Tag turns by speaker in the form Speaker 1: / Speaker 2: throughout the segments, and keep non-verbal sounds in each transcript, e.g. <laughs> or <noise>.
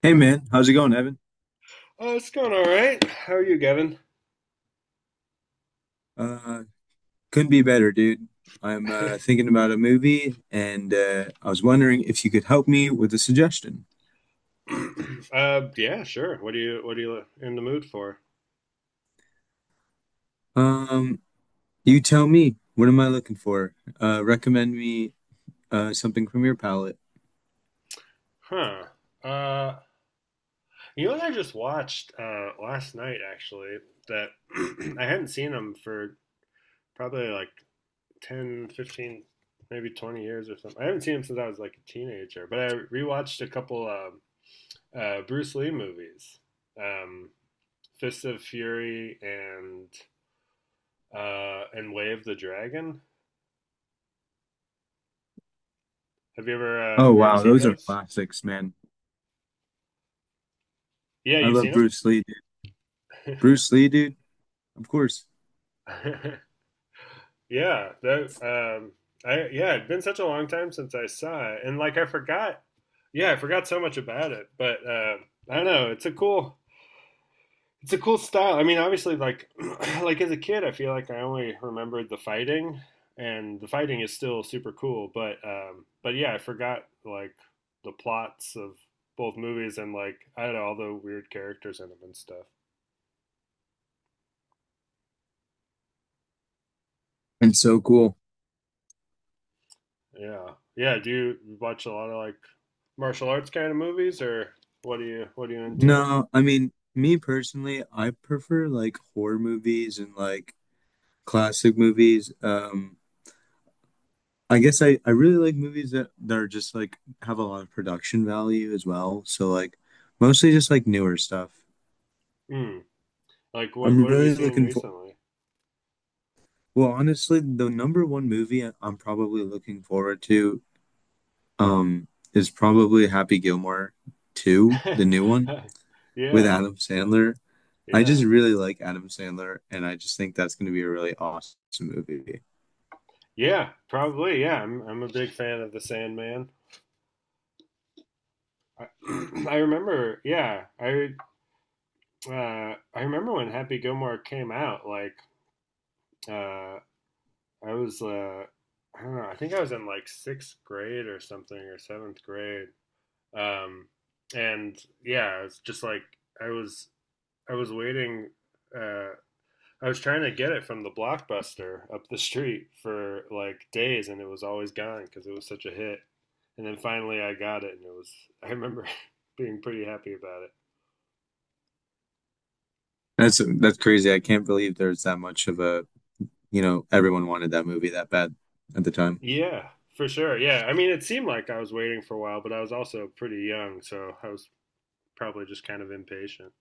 Speaker 1: Hey man,
Speaker 2: Uh,
Speaker 1: how's it going, Evan?
Speaker 2: it's going all right. How are you, Gavin?
Speaker 1: Uh, couldn't be better, dude. I'm
Speaker 2: <clears throat>
Speaker 1: thinking about a movie, and I was wondering if you could help me with a suggestion.
Speaker 2: <laughs> Yeah, sure. What are you in the mood for?
Speaker 1: Um, you tell me, what am I looking for? Recommend me something from your palette.
Speaker 2: Huh? Uh, you know what I just watched last night, actually, that <clears throat> I hadn't seen them for probably like 10, 15, maybe 20 years or something. I haven't seen them since I was like a teenager, but I rewatched a couple Bruce Lee movies, um, Fist of Fury and Way of the Dragon.
Speaker 1: Oh
Speaker 2: Have you ever
Speaker 1: wow,
Speaker 2: seen
Speaker 1: those are
Speaker 2: those?
Speaker 1: classics, man.
Speaker 2: Yeah,
Speaker 1: I
Speaker 2: you've
Speaker 1: love
Speaker 2: seen
Speaker 1: Bruce Lee, dude.
Speaker 2: them.
Speaker 1: Bruce Lee, dude, of course.
Speaker 2: <laughs> yeah, that I yeah, it's been such a long time since I saw it, and like I forgot. Yeah, I forgot so much about it, but I don't know. It's a it's a cool style. I mean, obviously, like <clears throat> like as a kid, I feel like I only remembered the fighting, and the fighting is still super cool. But yeah, I forgot like the plots of both movies, and like I don't know all the weird characters in them and stuff.
Speaker 1: And so cool.
Speaker 2: Yeah. Yeah. Do you watch a lot of like martial arts kind of movies, or what are you into?
Speaker 1: No, I mean, me personally, I prefer like horror movies and like classic movies. I guess I really like movies that are just like have a lot of production value as well. So like mostly just like newer stuff.
Speaker 2: Mm. Like
Speaker 1: I'm
Speaker 2: what have you
Speaker 1: really
Speaker 2: seen
Speaker 1: looking for,
Speaker 2: recently?
Speaker 1: well, honestly, the number one movie I'm probably looking forward to um is probably Happy Gilmore 2, the new one
Speaker 2: <laughs>
Speaker 1: with
Speaker 2: Yeah.
Speaker 1: Adam Sandler. I
Speaker 2: Yeah.
Speaker 1: just really like Adam Sandler and I just think that's going to be a really awesome movie.
Speaker 2: Yeah. Probably. Yeah. I'm a big fan of The Sandman. I, <clears throat> I remember. Yeah. I I remember when Happy Gilmore came out. Like uh I was uh I don't know. I think I was in like sixth grade or something, or seventh grade. Um, and Yeah, it's just like I was I was waiting. Uh, I was trying to get it from the blockbuster up the street for like days, and it was always gone because it was such a hit. And then finally, I got it, and it was. I remember <laughs> being pretty happy about it.
Speaker 1: That's crazy. I can't believe there's that much of a, you know, everyone wanted that movie that bad at the time.
Speaker 2: Yeah, for sure. Yeah, I mean, it seemed like I was waiting for a while, but I was also pretty young, so I was probably just kind of impatient.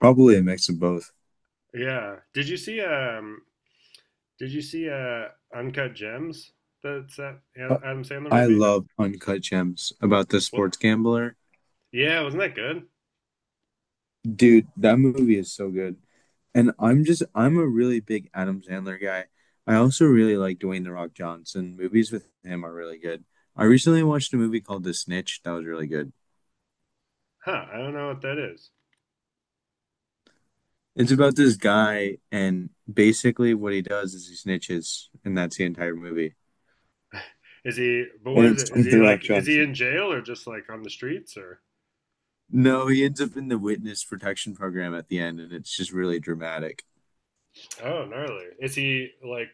Speaker 1: Probably a mix of both.
Speaker 2: <laughs> yeah. Did you see Uncut Gems? That's that
Speaker 1: Uh,
Speaker 2: Adam Sandler
Speaker 1: I
Speaker 2: movie.
Speaker 1: love Uncut Gems about the
Speaker 2: What?
Speaker 1: sports gambler.
Speaker 2: Yeah, wasn't that good?
Speaker 1: Dude, that movie is so good. And I'm a really big Adam Sandler guy. I also really like Dwayne The Rock Johnson. Movies with him are really good. I recently watched a movie called The Snitch. That was really good.
Speaker 2: Huh? I don't know what that is.
Speaker 1: It's about this guy and basically what he does is he snitches and that's the entire movie.
Speaker 2: Is he? But where
Speaker 1: And
Speaker 2: is
Speaker 1: it's
Speaker 2: it? Is
Speaker 1: Dwayne
Speaker 2: he
Speaker 1: The Rock
Speaker 2: like? Is he
Speaker 1: Johnson.
Speaker 2: in jail or just like on the streets, or?
Speaker 1: No, he ends up in the witness protection program at the end and it's just really dramatic.
Speaker 2: Oh, gnarly. Is he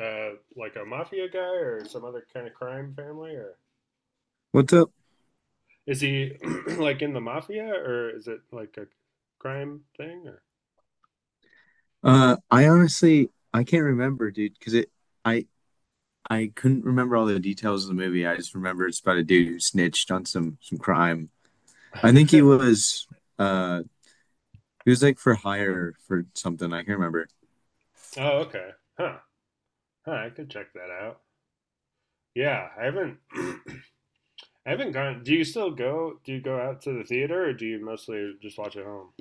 Speaker 2: like a mafia guy or some other kind of crime family or?
Speaker 1: What's up?
Speaker 2: Is he <clears throat> like in the mafia, or is it like a crime thing, or?
Speaker 1: I honestly I can't remember, dude, because it I I couldn't remember all the details of the movie. I just remember it's about a dude who snitched on some crime. I think
Speaker 2: <laughs>
Speaker 1: uh he was like for hire for something. I can't remember.
Speaker 2: oh, okay. Huh. Huh. I could check that out. Yeah, I haven't <clears throat> I haven't gone. Do you still go? Do you go out to the theater, or do you mostly just watch at home?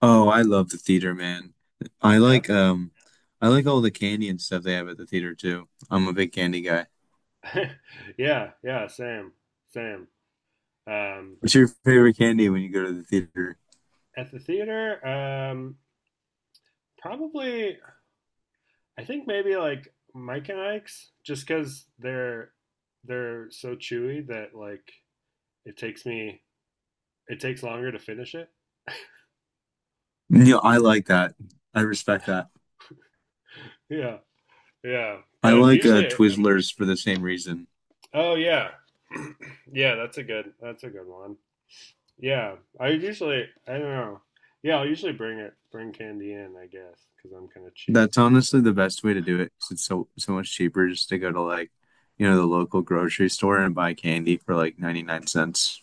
Speaker 1: Oh, I love the theater, man. I
Speaker 2: Yeah,
Speaker 1: like um I like all the candy and stuff they have at the theater too. I'm a big candy guy.
Speaker 2: <laughs> yeah, yeah. Same. Um,
Speaker 1: What's your favorite candy when you go to the theater?
Speaker 2: at the theater, probably. I think maybe like Mike and Ike's, just because they're so chewy that like it takes me it takes longer to finish it.
Speaker 1: You I like that. I respect that.
Speaker 2: Yeah, yeah.
Speaker 1: I
Speaker 2: But
Speaker 1: like
Speaker 2: usually, I mean,
Speaker 1: Twizzlers for the same reason.
Speaker 2: oh yeah, <clears throat> yeah. That's a good one. Yeah, I don't know. Yeah, I'll usually bring candy in, I guess, because I'm kind of cheap.
Speaker 1: That's honestly the best way to do it because it's so much cheaper just to go to like, you know, the local grocery store and buy candy for like 99¢.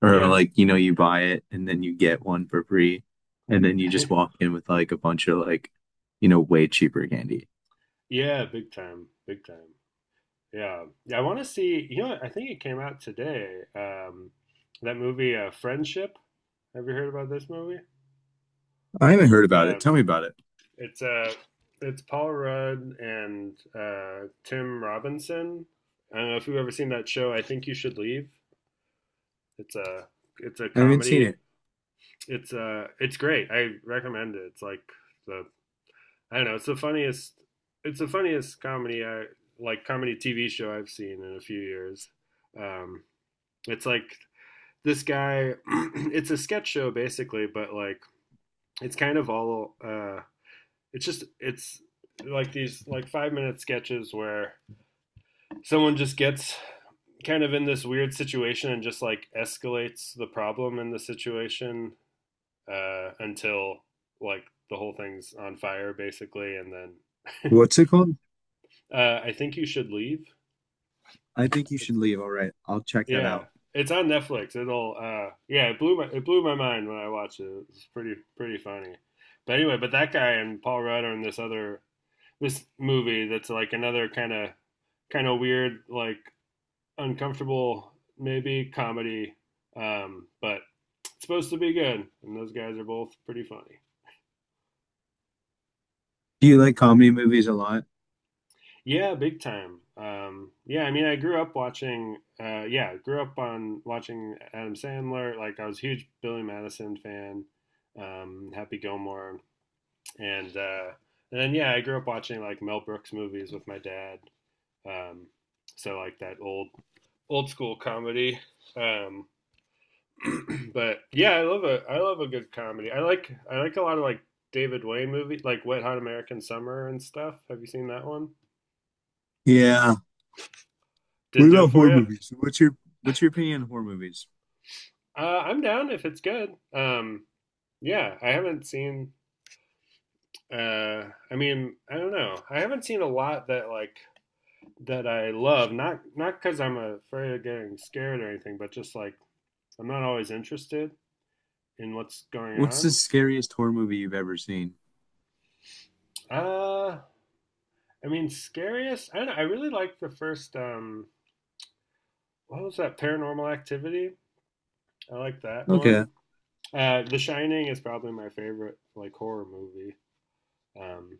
Speaker 1: Or
Speaker 2: Yeah,
Speaker 1: like, you know, you buy it and then you get one for free and then you just walk
Speaker 2: <laughs>
Speaker 1: in with like a bunch of like, you know, way cheaper candy.
Speaker 2: yeah, big time. Yeah, yeah. I want to see. You know, I think it came out today. Um, that movie, Friendship. Have you heard about this movie?
Speaker 1: I haven't heard
Speaker 2: With
Speaker 1: about it. Tell me about it.
Speaker 2: it's uh, it's Paul Rudd and Tim Robinson. I don't know if you've ever seen that show. I think you should leave. It's a it's a
Speaker 1: I haven't seen
Speaker 2: comedy.
Speaker 1: it.
Speaker 2: It's great. I recommend it. It's like the I don't know. It's the funniest. It's the funniest comedy I like comedy TV show I've seen in a few years. Um, it's like this guy. <clears throat> it's a sketch show basically, but like it's kind of all. It's just it's like these like 5-minute sketches where someone just gets kind of in this weird situation and just like escalates the problem in the situation until like the whole thing's on fire basically, and then
Speaker 1: What's it called?
Speaker 2: <laughs> I think you should leave.
Speaker 1: I think you should
Speaker 2: It's,
Speaker 1: leave. All right, I'll check that
Speaker 2: yeah,
Speaker 1: out.
Speaker 2: it's on Netflix. It'll yeah, it blew my mind when I watched it. It's pretty funny. But anyway, but that guy and Paul Rudd are in this other, this movie that's like another kind of weird, like uncomfortable maybe comedy, but it's supposed to be good and those guys are both pretty funny.
Speaker 1: Do you like comedy movies a lot?
Speaker 2: Yeah, big time. Yeah, I mean, I grew up watching. Yeah, grew up on watching Adam Sandler. Like, I was a huge Billy Madison fan, Happy Gilmore, and uh, and then yeah, I grew up watching like Mel Brooks movies with my dad. Um, so like that old school comedy. Um, <clears throat> but yeah, I love a good comedy. I like a lot of like David Wayne movies, like Wet Hot American Summer and stuff. Have you seen that one?
Speaker 1: Yeah. What
Speaker 2: Didn't do
Speaker 1: about
Speaker 2: it for
Speaker 1: horror
Speaker 2: you.
Speaker 1: movies? What's your opinion on horror movies?
Speaker 2: I'm down if it's good. Yeah, I haven't seen. Uh, I mean, I don't know. I haven't seen a lot that like that I love. Not because I'm afraid of getting scared or anything, but just like I'm not always interested in what's going
Speaker 1: What's the
Speaker 2: on.
Speaker 1: scariest horror movie you've ever seen?
Speaker 2: Uh, I mean, scariest. I don't know, I really like the first. What was that? Paranormal Activity. I like that
Speaker 1: Okay,
Speaker 2: one. The Shining is probably my favorite like horror movie. Um,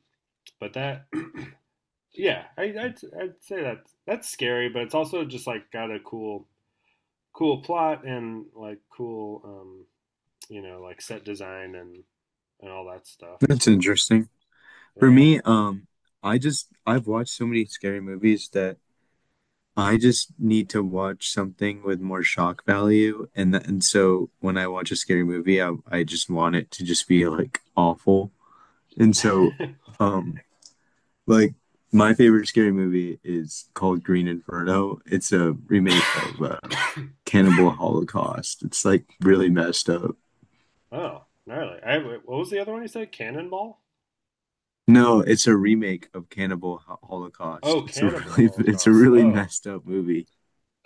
Speaker 2: but that <clears throat> yeah, I'd say that that's scary, but it's also just like got a cool plot and like cool, you know, like set design and all that stuff.
Speaker 1: that's interesting. For
Speaker 2: Yeah.
Speaker 1: me, I've watched so many scary movies that I just need to watch something with more shock value, and th and so when I watch a scary movie, I just want it to just be like awful, and so.
Speaker 2: <coughs>
Speaker 1: Um, Like my favorite scary movie is called Green Inferno. It's a remake of Cannibal
Speaker 2: <laughs>
Speaker 1: Holocaust. It's like really messed up.
Speaker 2: oh, gnarly. I What was the other one you said? Cannonball.
Speaker 1: No, it's a remake of Holocaust.
Speaker 2: Oh,
Speaker 1: It's a
Speaker 2: Cannibal
Speaker 1: really <laughs> it's a
Speaker 2: Holocaust.
Speaker 1: really
Speaker 2: Oh,
Speaker 1: messed up movie.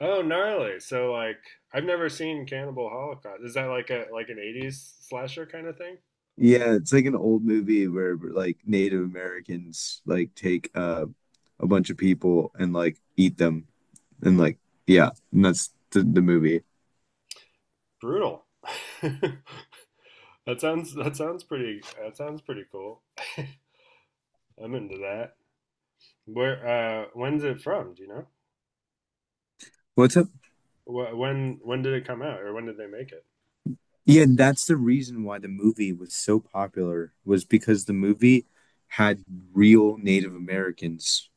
Speaker 2: oh, gnarly. So like I've never seen Cannibal Holocaust. Is that like a like an '80s slasher kind of thing?
Speaker 1: Yeah, it's like an old movie where like Native Americans like take a bunch of people and like eat them and like yeah, and that's the movie.
Speaker 2: Brutal. <laughs> that that sounds pretty that sounds pretty cool. I'm into that. Where? When's it from? Do you know?
Speaker 1: What's up?
Speaker 2: When did it come out, or when did they make it?
Speaker 1: Yeah, and that's the reason why the movie was so popular was because the movie had real Native Americans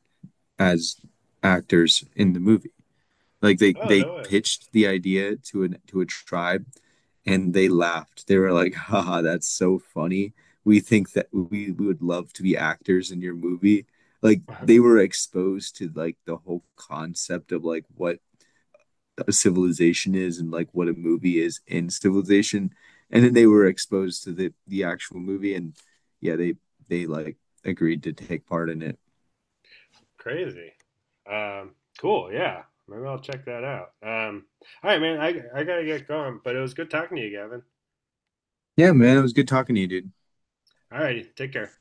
Speaker 1: as actors in the movie. Like they
Speaker 2: Oh
Speaker 1: they
Speaker 2: no
Speaker 1: pitched the idea to an to a tribe and they laughed. They were like, <laughs> "Haha, that's so funny. We think that we would love to be actors in your movie." Like
Speaker 2: way!
Speaker 1: they were exposed to like the whole concept of like what a civilization is and like what a movie is in civilization and then they were exposed to the actual movie and yeah they like agreed to take part in it.
Speaker 2: <laughs> Crazy. Um, cool. Yeah. Maybe I'll check that out. All right, man. I gotta get going, but it was good talking to you, Gavin.
Speaker 1: Yeah man, it was good talking to you, dude.
Speaker 2: All right. Take care.